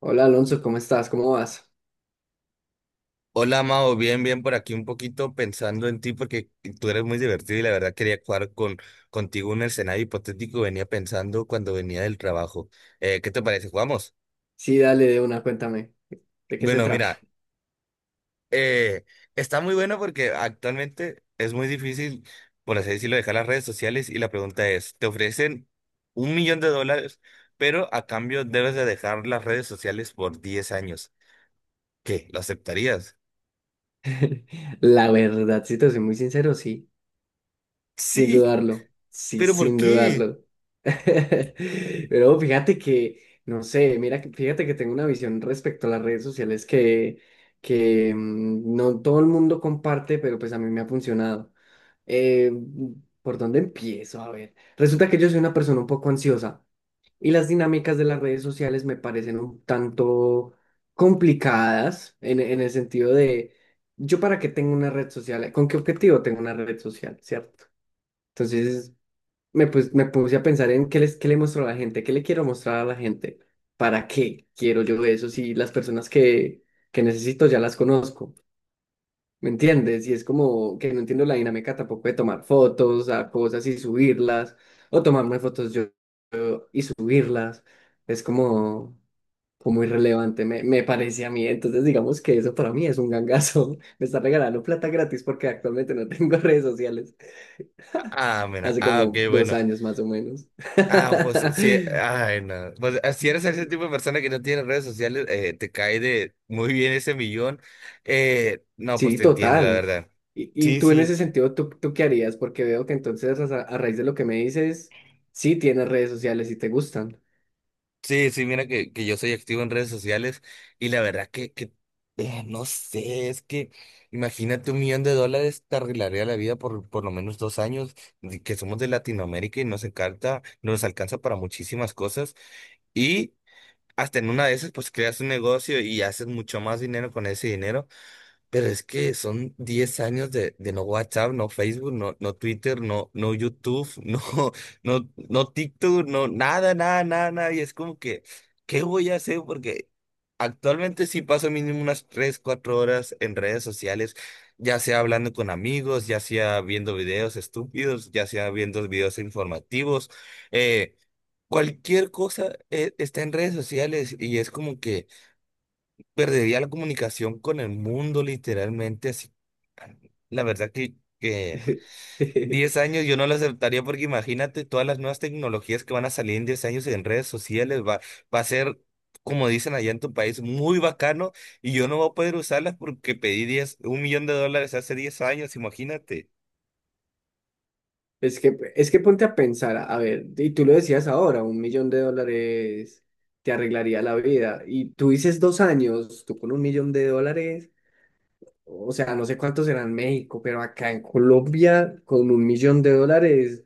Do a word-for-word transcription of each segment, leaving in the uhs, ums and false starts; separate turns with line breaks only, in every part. Hola Alonso, ¿cómo estás? ¿Cómo vas?
Hola, Mao, bien, bien por aquí un poquito pensando en ti porque tú eres muy divertido y la verdad quería jugar con, contigo un escenario hipotético que venía pensando cuando venía del trabajo. Eh, ¿qué te parece? ¿Jugamos?
Sí, dale de una, cuéntame. ¿De qué se
Bueno,
trata?
mira, eh, está muy bueno porque actualmente es muy difícil, por así decirlo, dejar las redes sociales y la pregunta es, ¿te ofrecen un millón de dólares, pero a cambio debes de dejar las redes sociales por diez años? ¿Qué? ¿Lo aceptarías?
La verdad, si te soy muy sincero, sí, sin
Sí,
dudarlo. Sí,
pero ¿por
sin
qué?
dudarlo. Pero fíjate que, no sé, mira, que- fíjate que tengo una visión respecto a las redes sociales que, que mm, no todo el mundo comparte, pero pues a mí me ha funcionado. Eh, ¿Por dónde empiezo? A ver, resulta que yo soy una persona un poco ansiosa. Y las dinámicas de las redes sociales me parecen un tanto complicadas en, en el sentido de, ¿yo para qué tengo una red social? ¿Con qué objetivo tengo una red social? ¿Cierto? Entonces me, pus- me puse a pensar en qué, les, qué le muestro a la gente, qué le quiero mostrar a la gente, para qué quiero yo eso si las personas que, que necesito ya las conozco. ¿Me entiendes? Y es como que no entiendo la dinámica tampoco de tomar fotos a cosas y subirlas, o tomarme fotos yo y subirlas. Es como, fue muy relevante, me, me parece a mí. Entonces, digamos que eso para mí es un gangazo. Me está regalando plata gratis porque actualmente no tengo redes sociales.
Ah, mira,
Hace
ah, ok,
como dos
bueno.
años más o menos.
Ah, pues eh, sí, ay, no. Pues ah, si eres ese tipo de persona que no tiene redes sociales, eh, te cae de muy bien ese millón. Eh, no, pues
Sí,
te entiendo, la
total.
verdad.
Y, y
Sí,
tú en
sí,
ese sentido, ¿tú, tú qué harías? Porque veo que entonces a, a raíz de lo que me dices, sí tienes redes sociales y te gustan.
sí, sí, mira que, que yo soy activo en redes sociales y la verdad que, que eh, no sé, es que imagínate un millón de dólares te arreglaría la vida por por lo menos dos años, de que somos de Latinoamérica y nos encanta, nos alcanza para muchísimas cosas. y Hasta en una de esas, pues creas un negocio y haces mucho más dinero con ese dinero, pero es que son diez años de, de no WhatsApp, no Facebook, no, no Twitter, no, no YouTube, no, no, no TikTok, no nada, nada, nada, nada. Y es como que, ¿qué voy a hacer? Porque actualmente sí paso mínimo unas tres cuatro horas en redes sociales, ya sea hablando con amigos, ya sea viendo videos estúpidos, ya sea viendo videos informativos. Eh, Cualquier cosa eh, está en redes sociales y es como que perdería la comunicación con el mundo literalmente. Así, la verdad que, que diez años yo no lo aceptaría porque imagínate todas las nuevas tecnologías que van a salir en diez años en redes sociales. Va, va a ser, como dicen allá en tu país, muy bacano y yo no voy a poder usarlas porque pedí diez, un millón de dólares hace diez años, imagínate.
Es que, es que ponte a pensar, a a ver, y tú lo decías ahora, un millón de dólares te arreglaría la vida. Y tú dices dos años, tú con un millón de dólares, o sea, no sé cuántos serán en México, pero acá en Colombia, con un millón de dólares,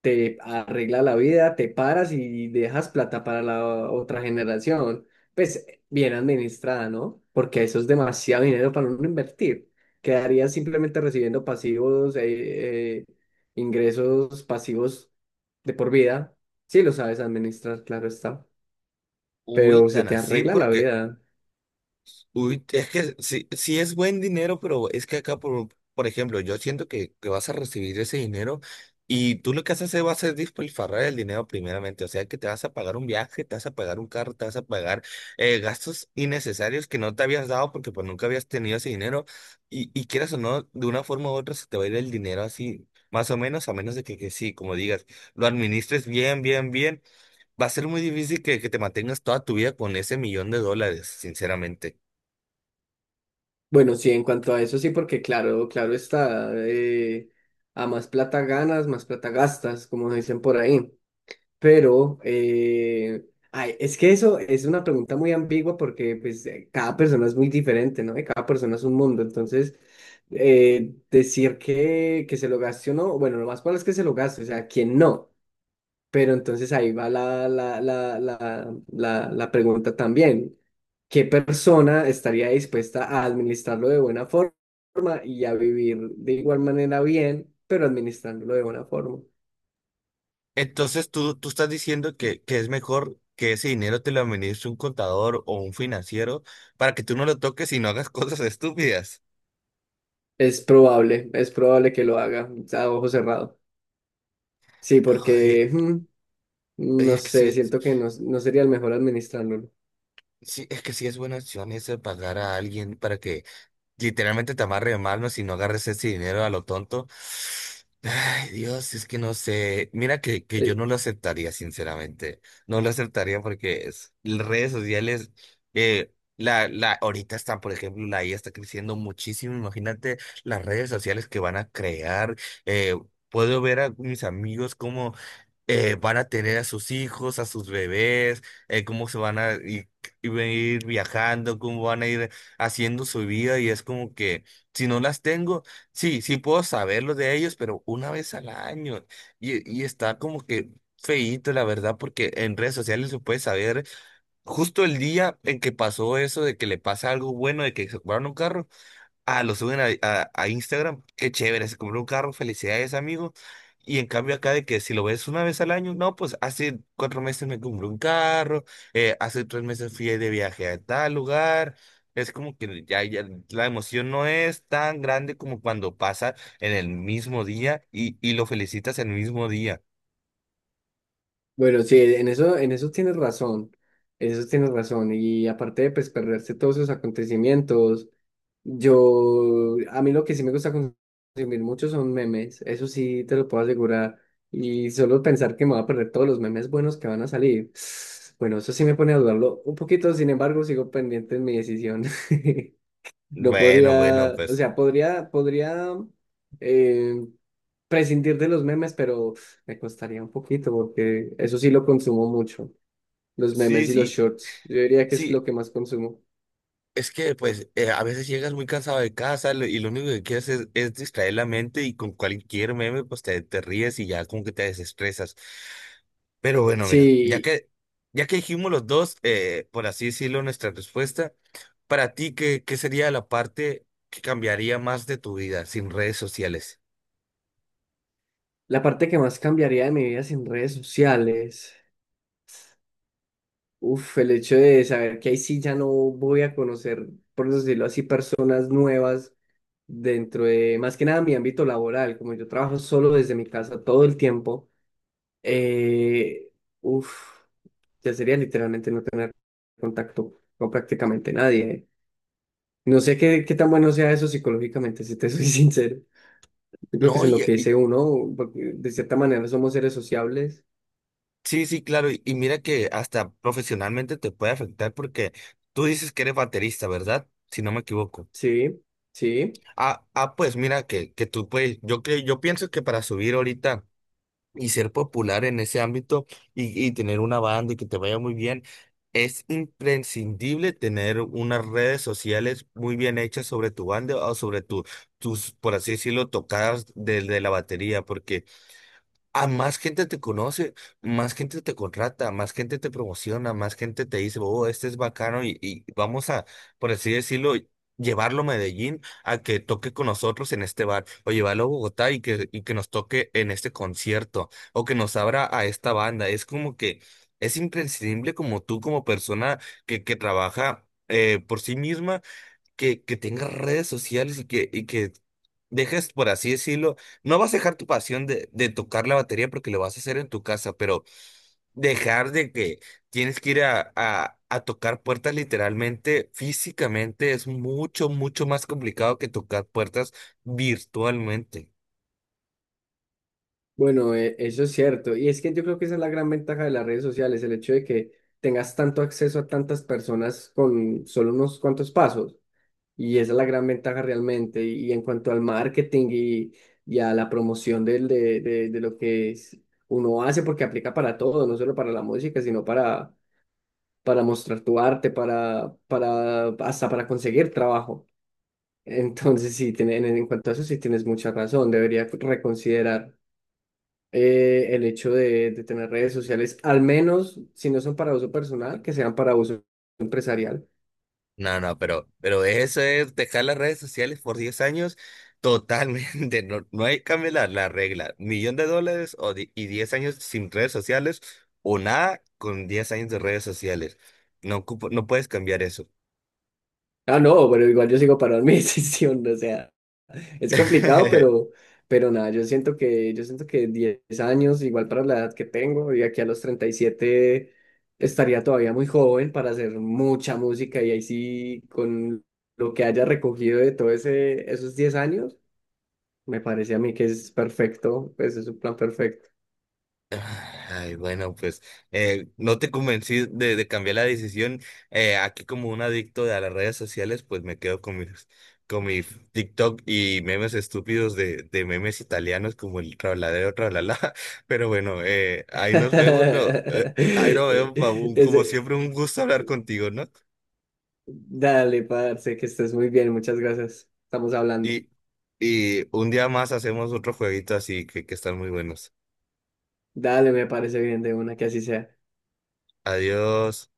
te arregla la vida, te paras y dejas plata para la otra generación. Pues bien administrada, ¿no? Porque eso es demasiado dinero para uno invertir. Quedarías simplemente recibiendo pasivos, eh, eh, ingresos pasivos de por vida. Sí lo sabes administrar, claro está.
Uy,
Pero se
tan
te
así,
arregla la
porque.
vida.
Uy, es que sí, sí es buen dinero, pero es que acá, por, por ejemplo, yo siento que, que vas a recibir ese dinero y tú lo que vas a hacer va a ser despilfarrar el dinero primeramente. O sea, que te vas a pagar un viaje, te vas a pagar un carro, te vas a pagar eh, gastos innecesarios que no te habías dado porque pues nunca habías tenido ese dinero. Y, y quieras o no, de una forma u otra se te va a ir el dinero así, más o menos, a menos de que, que sí, como digas, lo administres bien, bien, bien. Va a ser muy difícil que, que te mantengas toda tu vida con ese millón de dólares, sinceramente.
Bueno, sí, en cuanto a eso sí, porque claro, claro está. eh, a más plata ganas, más plata gastas, como dicen por ahí. Pero, eh, ay, es que eso es una pregunta muy ambigua porque pues, eh, cada persona es muy diferente, ¿no? Y cada persona es un mundo. Entonces, eh, decir que, que se lo gaste o no, bueno, lo más probable es que se lo gaste, o sea, ¿quién no? Pero entonces ahí va la, la, la, la, la, la, pregunta también. ¿Qué persona estaría dispuesta a administrarlo de buena forma y a vivir de igual manera bien, pero administrándolo de buena forma?
Entonces tú, tú estás diciendo que, que es mejor que ese dinero te lo administre un contador o un financiero para que tú no lo toques y no hagas cosas estúpidas.
Es probable, es probable que lo haga a ojo cerrado. Sí,
Ay,
porque mm,
ay,
no
es que
sé,
sí,
siento que no, no sería el mejor administrándolo.
sí, es que sí es buena opción ese pagar a alguien para que literalmente te amarre de manos y no agarres ese dinero a lo tonto. Ay, Dios, es que no sé. Mira que, que yo
Eh,
no lo aceptaría, sinceramente. No lo aceptaría porque es- las redes sociales, eh, la, la, ahorita está, por ejemplo, la I A está creciendo muchísimo. Imagínate las redes sociales que van a crear. Eh, puedo ver a mis amigos como eh, van a tener a sus hijos, a sus bebés, eh, cómo se van a ir, i- ir viajando, cómo van a ir haciendo su vida y es como que si no las tengo, sí, sí puedo saberlo de ellos, pero una vez al año y, y está como que feíto, la verdad, porque en redes sociales se puede saber justo el día en que pasó eso, de que le pasa algo bueno, de que se compraron un carro. Ah, lo suben a, a- a Instagram. Qué chévere, se compró un carro, felicidades, amigo. Y en cambio acá de que si lo ves una vez al año, no, pues hace cuatro meses me compré un carro, eh, hace tres meses fui de viaje a tal lugar. Es como que ya, ya la emoción no es tan grande como cuando pasa en el mismo día y, y lo felicitas el mismo día.
bueno, sí, en eso, en eso tienes razón. En eso tienes razón. Y aparte de pues, perderse todos esos acontecimientos, yo, a mí lo que sí me gusta consumir mucho son memes. Eso sí te lo puedo asegurar. Y solo pensar que me voy a perder todos los memes buenos que van a salir. Bueno, eso sí me pone a dudarlo un poquito, sin embargo, sigo pendiente en mi decisión. No
Bueno, bueno,
podría, o
pues
sea, podría, podría eh, prescindir de los memes, pero me costaría un poquito porque eso sí lo consumo mucho, los memes
sí,
y los
sí,
shorts. Yo diría que es
sí.
lo que más consumo.
Es que pues eh, a veces llegas muy cansado de casa lo- y lo único que quieres es, es distraer la mente y con cualquier meme pues te, te ríes y ya como que te desestresas. Pero bueno, mira, ya
Sí,
que, ya que dijimos los dos, eh, por así decirlo, nuestra respuesta, para ti, ¿qué, qué sería la parte que cambiaría más de tu vida sin redes sociales?
la parte que más cambiaría de mi vida sin redes sociales, uf, el hecho de saber que ahí sí ya no voy a conocer, por decirlo así, personas nuevas dentro de, más que nada, mi ámbito laboral, como yo trabajo solo desde mi casa todo el tiempo. Eh, uf, ya sería literalmente no tener contacto con prácticamente nadie. ¿Eh? No sé qué, qué tan bueno sea eso psicológicamente, si te soy sincero. Yo creo que es
No,
en lo
y,
que
y-
dice uno, porque de cierta manera somos seres sociables.
sí, sí, claro, y, y mira que hasta profesionalmente te puede afectar porque tú dices que eres baterista, ¿verdad? Si no me equivoco.
Sí, sí.
Ah, ah, pues mira que, que tú puedes, yo creo, yo pienso que para subir ahorita y ser popular en ese ámbito y, y tener una banda y que te vaya muy bien, es imprescindible tener unas redes sociales muy bien hechas sobre tu banda o sobre tu, tus, por así decirlo, tocadas de, de la batería, porque a más gente te conoce, más gente te contrata, más gente te promociona, más gente te dice, oh, este es bacano y, y vamos a, por así decirlo, llevarlo a Medellín a que toque con nosotros en este bar, o llevarlo a Bogotá y, que, y que nos toque en este concierto, o que nos abra a esta banda. Es como que es imprescindible como tú, como persona que, que trabaja eh, por sí misma que, que tengas redes sociales y que, y que dejes, por así decirlo, no vas a dejar tu pasión de, de tocar la batería porque lo vas a hacer en tu casa, pero dejar de que tienes que ir a, a, a tocar puertas literalmente, físicamente, es mucho, mucho más complicado que tocar puertas virtualmente.
Bueno, e- eso es cierto. Y es que yo creo que esa es la gran ventaja de las redes sociales, el hecho de que tengas tanto acceso a tantas personas con solo unos cuantos pasos. Y esa es la gran ventaja realmente. Y, en cuanto al marketing y, y a la promoción del, de, de, de lo que es- uno hace, porque aplica para todo, no solo para la música, sino para, para mostrar tu arte, para, para, hasta para conseguir trabajo. Entonces, sí, tiene- en, en cuanto a eso, sí tienes mucha razón. Debería reconsiderar eh, el hecho de, de tener redes sociales, al menos si no son para uso personal, que sean para uso empresarial.
No, no, pero, pero eso es dejar las redes sociales por diez años totalmente. No, no hay que cambiar la, la regla. Millón de dólares o di- y diez años sin redes sociales o nada con diez años de redes sociales. No, ocupo- no puedes cambiar eso.
Ah, no, pero igual yo sigo para mi decisión, o sea. Es complicado, pero, pero, nada, yo siento que, yo siento que diez años, igual para la edad que tengo, y aquí a los treinta y siete estaría todavía muy joven para hacer mucha música y ahí sí, con lo que haya recogido de todo ese, esos diez años, me parece a mí que es perfecto, pues es un plan perfecto.
Ay, bueno, pues eh, no te convencí de, de cambiar la decisión. Eh, aquí como un adicto a las redes sociales, pues me quedo con mis, con mi TikTok y memes estúpidos de, de memes italianos como el trabladero, trablala. Pero bueno, eh, ahí nos vemos, no, eh, ahí nos vemos, Mabun. Como
Ese-
siempre, un gusto hablar contigo, ¿no?
dale, parce, que estés muy bien, muchas gracias. Estamos hablando.
Y, y un día más hacemos otro jueguito así que, que están muy buenos.
Dale, me parece bien de una, que así sea.
Adiós.